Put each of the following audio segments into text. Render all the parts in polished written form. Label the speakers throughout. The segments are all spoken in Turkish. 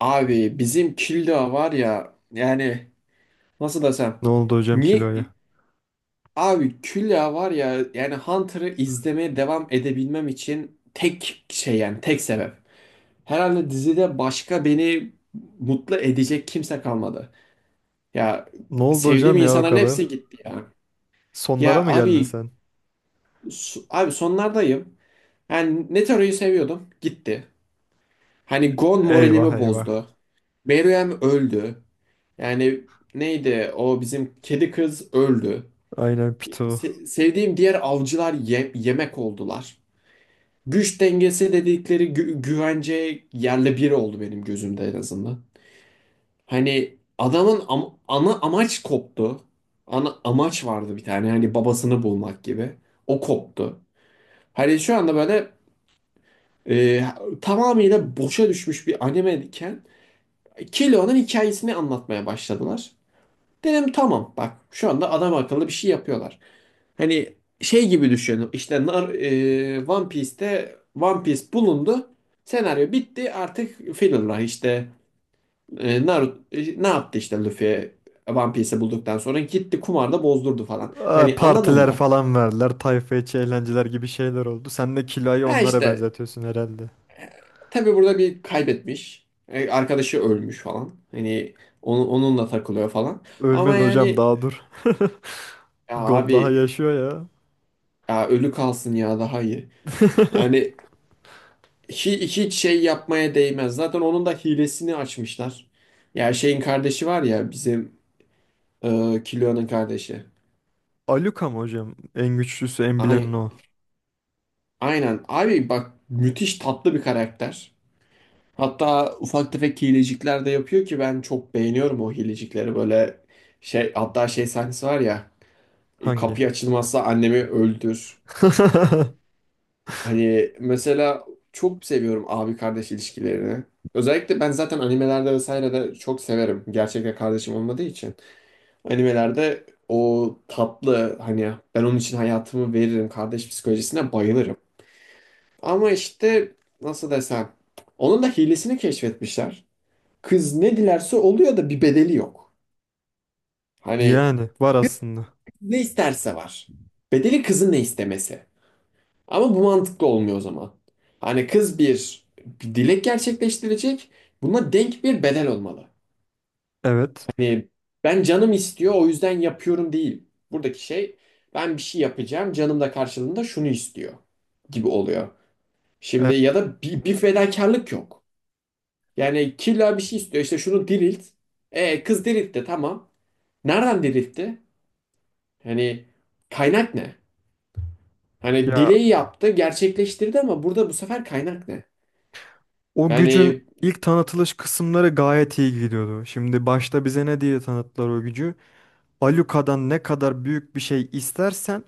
Speaker 1: Abi bizim Külliye var ya, yani nasıl desem
Speaker 2: Ne oldu hocam
Speaker 1: niye
Speaker 2: kiloya?
Speaker 1: abi Külliye var ya. Yani Hunter'ı izlemeye devam edebilmem için tek şey, yani tek sebep. Herhalde dizide başka beni mutlu edecek kimse kalmadı. Ya,
Speaker 2: Ne oldu
Speaker 1: sevdiğim
Speaker 2: hocam ya o
Speaker 1: insanların
Speaker 2: kadar?
Speaker 1: hepsi gitti ya.
Speaker 2: Sonlara
Speaker 1: Ya
Speaker 2: mı geldin
Speaker 1: abi
Speaker 2: sen?
Speaker 1: Abi sonlardayım. Yani Netaro'yu seviyordum, gitti. Hani Gon
Speaker 2: Eyvah
Speaker 1: moralimi
Speaker 2: eyvah.
Speaker 1: bozdu. Meruem öldü. Yani neydi o, bizim kedi kız öldü.
Speaker 2: Aynen pitu.
Speaker 1: Sevdiğim diğer avcılar yemek oldular. Güç dengesi dedikleri güvence yerle bir oldu benim gözümde, en azından. Hani ana amaç koptu. Ana amaç vardı bir tane, hani babasını bulmak gibi. O koptu. Hani şu anda böyle, e, tamamıyla boşa düşmüş bir anime iken Killua'nın hikayesini anlatmaya başladılar. Dedim tamam, bak şu anda adam akıllı bir şey yapıyorlar. Hani şey gibi düşünün, işte One Piece'te One Piece bulundu. Senaryo bitti, artık filler işte. Naruto ne yaptı, işte Luffy One Piece'i bulduktan sonra gitti kumarda bozdurdu falan.
Speaker 2: Aa,
Speaker 1: Hani anladın
Speaker 2: partiler
Speaker 1: mı?
Speaker 2: falan verdiler. Tayfa içi eğlenceler gibi şeyler oldu. Sen de kiloyu
Speaker 1: Ha
Speaker 2: onlara
Speaker 1: işte,
Speaker 2: benzetiyorsun herhalde.
Speaker 1: tabii burada bir kaybetmiş. E, arkadaşı ölmüş falan. Hani onunla takılıyor falan. Ama
Speaker 2: Ölmedi hocam
Speaker 1: yani,
Speaker 2: daha dur.
Speaker 1: ya
Speaker 2: Gon
Speaker 1: abi,
Speaker 2: daha yaşıyor ya.
Speaker 1: ya ölü kalsın ya, daha iyi. Yani hiç şey yapmaya değmez. Zaten onun da hilesini açmışlar. Ya şeyin kardeşi var ya bizim, Killua'nın kardeşi.
Speaker 2: Aluka mı hocam? En güçlüsü en bileni
Speaker 1: Ay-
Speaker 2: o.
Speaker 1: Aynen. Abi bak, müthiş tatlı bir karakter. Hatta ufak tefek hilecikler de yapıyor ki ben çok beğeniyorum o hilecikleri. Böyle şey, hatta şey sahnesi var ya,
Speaker 2: Hangi?
Speaker 1: kapı açılmazsa annemi öldür. Hani mesela çok seviyorum abi kardeş ilişkilerini. Özellikle ben zaten animelerde vesaire de çok severim, gerçekten kardeşim olmadığı için. Animelerde o tatlı, hani ben onun için hayatımı veririm kardeş psikolojisine bayılırım. Ama işte nasıl desem, onun da hilesini keşfetmişler. Kız ne dilerse oluyor da bir bedeli yok. Hani
Speaker 2: Yani var aslında.
Speaker 1: ne isterse var. Bedeli kızın ne istemesi. Ama bu mantıklı olmuyor o zaman. Hani kız bir dilek gerçekleştirecek. Buna denk bir bedel olmalı.
Speaker 2: Evet.
Speaker 1: Hani ben canım istiyor o yüzden yapıyorum değil. Buradaki şey, ben bir şey yapacağım canım da karşılığında şunu istiyor gibi oluyor. Şimdi
Speaker 2: Evet.
Speaker 1: ya da bir fedakarlık yok. Yani killa bir şey istiyor, işte şunu dirilt. E kız diriltti, tamam. Nereden diriltti? Hani kaynak ne? Hani
Speaker 2: Ya,
Speaker 1: dileği yaptı, gerçekleştirdi, ama burada bu sefer kaynak ne?
Speaker 2: o gücün
Speaker 1: Yani
Speaker 2: ilk tanıtılış kısımları gayet iyi gidiyordu. Şimdi başta bize ne diye tanıttılar o gücü? Baluka'dan ne kadar büyük bir şey istersen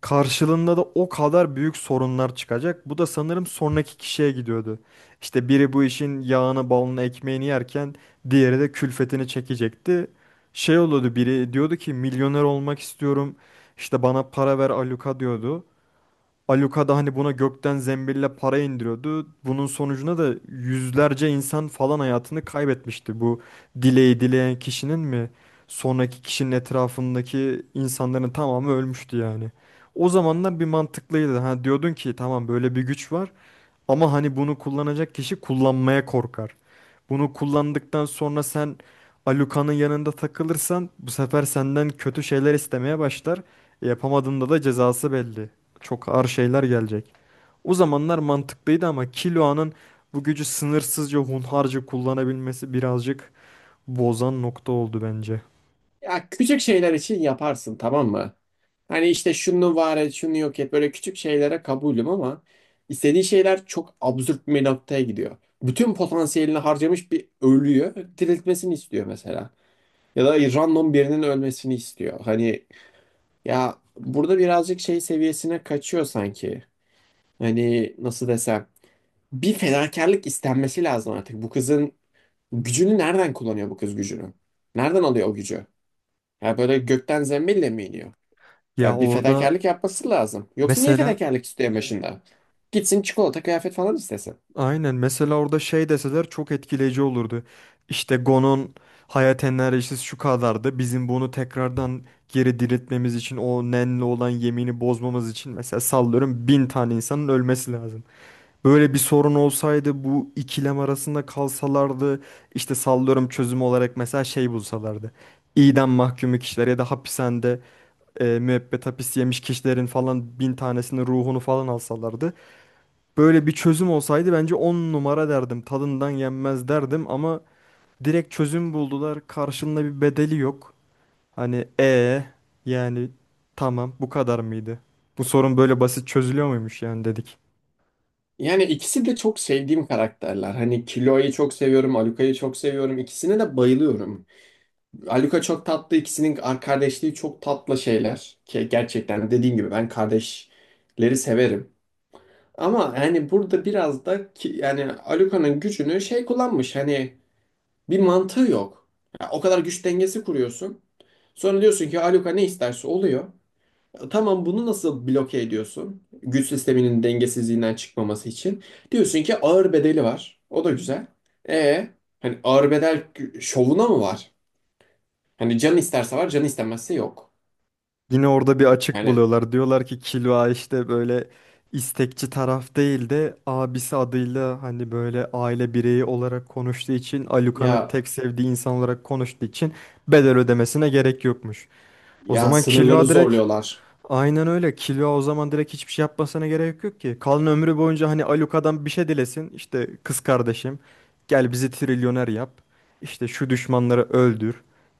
Speaker 2: karşılığında da o kadar büyük sorunlar çıkacak. Bu da sanırım sonraki kişiye gidiyordu. İşte biri bu işin yağını, balını, ekmeğini yerken diğeri de külfetini çekecekti. Şey oluyordu, biri diyordu ki milyoner olmak istiyorum. İşte bana para ver Aluka diyordu. Aluka da hani buna gökten zembille para indiriyordu. Bunun sonucunda da yüzlerce insan falan hayatını kaybetmişti. Bu dileği dileyen kişinin mi sonraki kişinin etrafındaki insanların tamamı ölmüştü yani. O zamanlar bir mantıklıydı. Ha, diyordun ki tamam böyle bir güç var ama hani bunu kullanacak kişi kullanmaya korkar. Bunu kullandıktan sonra sen Alucard'ın yanında takılırsan bu sefer senden kötü şeyler istemeye başlar. Yapamadığında da cezası belli. Çok ağır şeyler gelecek. O zamanlar mantıklıydı ama Killuan'ın bu gücü sınırsızca hunharca kullanabilmesi birazcık bozan nokta oldu bence.
Speaker 1: Ya küçük şeyler için yaparsın, tamam mı? Hani işte şunu var et, şunu yok et. Böyle küçük şeylere kabulüm, ama istediği şeyler çok absürt bir noktaya gidiyor. Bütün potansiyelini harcamış bir ölüyü diriltmesini istiyor mesela. Ya da random birinin ölmesini istiyor. Hani ya burada birazcık şey seviyesine kaçıyor sanki. Hani nasıl desem, bir fedakarlık istenmesi lazım artık. Bu kızın gücünü nereden kullanıyor bu kız gücünü? Nereden alıyor o gücü? Ya böyle gökten zembille mi iniyor?
Speaker 2: Ya
Speaker 1: Ya bir
Speaker 2: orada
Speaker 1: fedakarlık yapması lazım. Yoksa niye
Speaker 2: mesela,
Speaker 1: fedakarlık istiyor başında? Gitsin çikolata kıyafet falan istesin.
Speaker 2: aynen mesela orada şey deseler çok etkileyici olurdu. İşte Gon'un hayat enerjisi şu kadardı. Bizim bunu tekrardan geri diriltmemiz için o Nen'le olan yemini bozmamız için mesela sallıyorum 1.000 tane insanın ölmesi lazım. Böyle bir sorun olsaydı bu ikilem arasında kalsalardı işte sallıyorum çözüm olarak mesela şey bulsalardı. İdam mahkumu kişiler ya da hapishanede müebbet hapis yemiş kişilerin falan 1.000 tanesinin ruhunu falan alsalardı. Böyle bir çözüm olsaydı bence 10 numara derdim. Tadından yenmez derdim ama direkt çözüm buldular. Karşılığında bir bedeli yok. Hani yani tamam bu kadar mıydı? Bu sorun böyle basit çözülüyor muymuş yani dedik.
Speaker 1: Yani ikisi de çok sevdiğim karakterler. Hani Kilo'yu çok seviyorum, Aluka'yı çok seviyorum. İkisine de bayılıyorum. Aluka çok tatlı, ikisinin kardeşliği çok tatlı şeyler. Ki gerçekten dediğim gibi ben kardeşleri severim. Ama yani burada biraz da ki, yani Aluka'nın gücünü şey kullanmış. Hani bir mantığı yok. Ya o kadar güç dengesi kuruyorsun. Sonra diyorsun ki Aluka ne isterse oluyor. Tamam, bunu nasıl bloke ediyorsun? Güç sisteminin dengesizliğinden çıkmaması için. Diyorsun ki ağır bedeli var. O da güzel. E hani ağır bedel şovuna mı var? Hani can isterse var, can istemezse yok.
Speaker 2: Yine orada bir açık
Speaker 1: Yani
Speaker 2: buluyorlar. Diyorlar ki Kilva işte böyle istekçi taraf değil de abisi adıyla hani böyle aile bireyi olarak konuştuğu için, Aluka'nın
Speaker 1: ya
Speaker 2: tek sevdiği insan olarak konuştuğu için bedel ödemesine gerek yokmuş. O
Speaker 1: ya
Speaker 2: zaman
Speaker 1: sınırları
Speaker 2: Kilva direkt,
Speaker 1: zorluyorlar.
Speaker 2: aynen öyle. Killua o zaman direkt hiçbir şey yapmasına gerek yok ki. Kalan ömrü boyunca hani Alucard'dan bir şey dilesin. İşte kız kardeşim gel bizi trilyoner yap. İşte şu düşmanları öldür.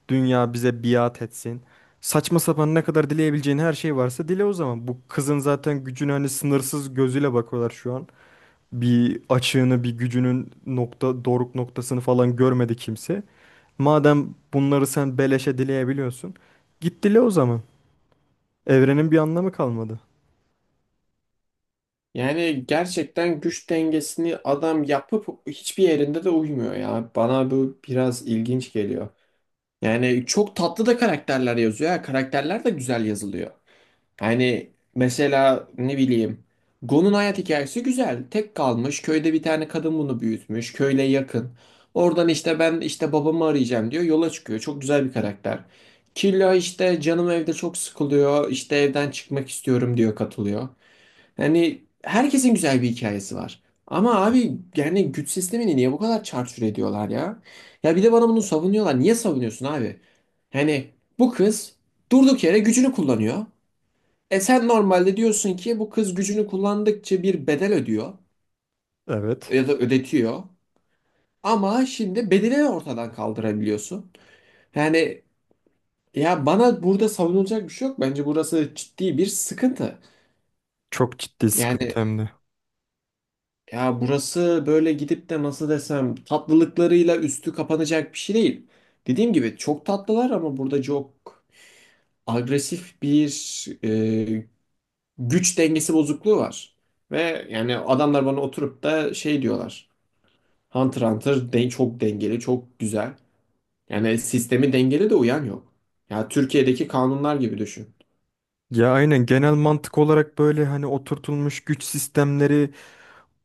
Speaker 2: Dünya bize biat etsin. Saçma sapan ne kadar dileyebileceğin her şey varsa dile o zaman. Bu kızın zaten gücüne hani sınırsız gözüyle bakıyorlar şu an. Bir açığını, bir gücünün nokta doruk noktasını falan görmedi kimse. Madem bunları sen beleşe dileyebiliyorsun, git dile o zaman. Evrenin bir anlamı kalmadı.
Speaker 1: Yani gerçekten güç dengesini adam yapıp hiçbir yerinde de uymuyor ya. Bana bu biraz ilginç geliyor. Yani çok tatlı da karakterler yazıyor, ha. Karakterler de güzel yazılıyor. Yani mesela ne bileyim, Gon'un hayat hikayesi güzel. Tek kalmış. Köyde bir tane kadın bunu büyütmüş. Köyle yakın. Oradan işte ben işte babamı arayacağım diyor. Yola çıkıyor. Çok güzel bir karakter. Killa işte canım evde çok sıkılıyor. İşte evden çıkmak istiyorum diyor, katılıyor. Yani herkesin güzel bir hikayesi var. Ama abi yani güç sistemini niye bu kadar çarçur ediyorlar ya? Ya bir de bana bunu savunuyorlar. Niye savunuyorsun abi? Hani bu kız durduk yere gücünü kullanıyor. E sen normalde diyorsun ki bu kız gücünü kullandıkça bir bedel ödüyor
Speaker 2: Evet.
Speaker 1: ya da ödetiyor. Ama şimdi bedeli ortadan kaldırabiliyorsun. Yani ya bana burada savunulacak bir şey yok. Bence burası ciddi bir sıkıntı.
Speaker 2: Çok ciddi
Speaker 1: Yani
Speaker 2: sıkıntı hem de.
Speaker 1: ya burası böyle gidip de nasıl desem tatlılıklarıyla üstü kapanacak bir şey değil. Dediğim gibi çok tatlılar, ama burada çok agresif bir güç dengesi bozukluğu var. Ve yani adamlar bana oturup da şey diyorlar. Hunter x Hunter de çok dengeli, çok güzel. Yani sistemi dengeli de uyan yok. Ya Türkiye'deki kanunlar gibi düşün.
Speaker 2: Ya aynen, genel mantık olarak böyle hani oturtulmuş güç sistemleri,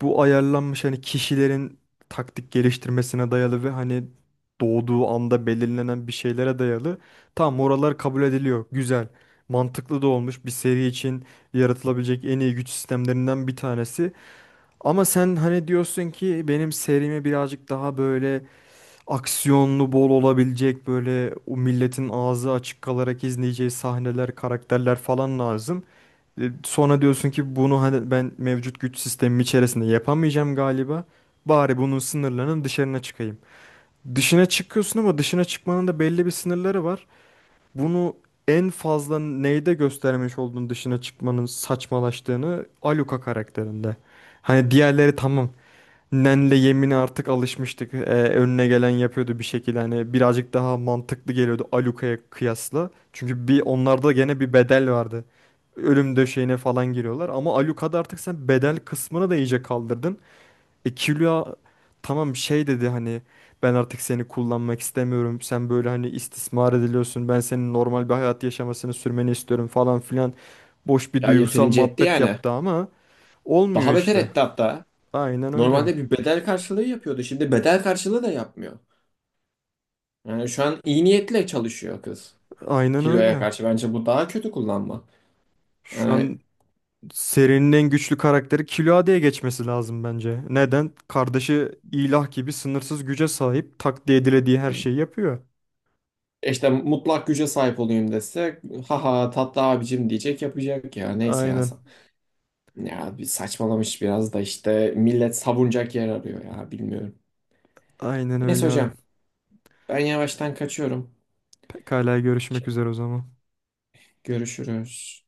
Speaker 2: bu ayarlanmış hani kişilerin taktik geliştirmesine dayalı ve hani doğduğu anda belirlenen bir şeylere dayalı. Tamam oralar kabul ediliyor. Güzel. Mantıklı da olmuş, bir seri için yaratılabilecek en iyi güç sistemlerinden bir tanesi. Ama sen hani diyorsun ki benim serimi birazcık daha böyle aksiyonlu bol olabilecek, böyle o milletin ağzı açık kalarak izleyeceği sahneler, karakterler falan lazım. Sonra diyorsun ki bunu hani ben mevcut güç sistemim içerisinde yapamayacağım galiba. Bari bunun sınırlarının dışarına çıkayım. Dışına çıkıyorsun ama dışına çıkmanın da belli bir sınırları var. Bunu en fazla neyde göstermiş olduğun dışına çıkmanın saçmalaştığını Aluka karakterinde. Hani diğerleri tamam. Nenle yemine artık alışmıştık. Önüne gelen yapıyordu bir şekilde. Hani birazcık daha mantıklı geliyordu Aluka'ya kıyasla. Çünkü bir onlarda gene bir bedel vardı. Ölüm döşeğine falan giriyorlar. Ama Aluka'da artık sen bedel kısmını da iyice kaldırdın. Killua tamam şey dedi hani ben artık seni kullanmak istemiyorum. Sen böyle hani istismar ediliyorsun. Ben senin normal bir hayat yaşamasını sürmeni istiyorum falan filan. Boş bir
Speaker 1: Ya
Speaker 2: duygusal
Speaker 1: yeterince etti
Speaker 2: muhabbet
Speaker 1: yani.
Speaker 2: yaptı ama olmuyor
Speaker 1: Daha beter
Speaker 2: işte.
Speaker 1: etti hatta.
Speaker 2: Aynen öyle.
Speaker 1: Normalde bir bedel karşılığı yapıyordu. Şimdi bedel karşılığı da yapmıyor. Yani şu an iyi niyetle çalışıyor kız.
Speaker 2: Aynen
Speaker 1: Kiloya
Speaker 2: öyle.
Speaker 1: karşı. Bence bu daha kötü kullanma.
Speaker 2: Şu
Speaker 1: Yani
Speaker 2: an serinin en güçlü karakteri Killua geçmesi lazım bence. Neden? Kardeşi ilah gibi sınırsız güce sahip. Takdir edilediği her şeyi yapıyor.
Speaker 1: işte mutlak güce sahip olayım dese, haha tatlı abicim diyecek yapacak, ya neyse ya.
Speaker 2: Aynen.
Speaker 1: Ya bir saçmalamış, biraz da işte millet savunacak yer arıyor ya, bilmiyorum.
Speaker 2: Aynen
Speaker 1: Neyse
Speaker 2: öyle abi.
Speaker 1: hocam, ben yavaştan kaçıyorum.
Speaker 2: Pekala görüşmek üzere o zaman.
Speaker 1: Görüşürüz.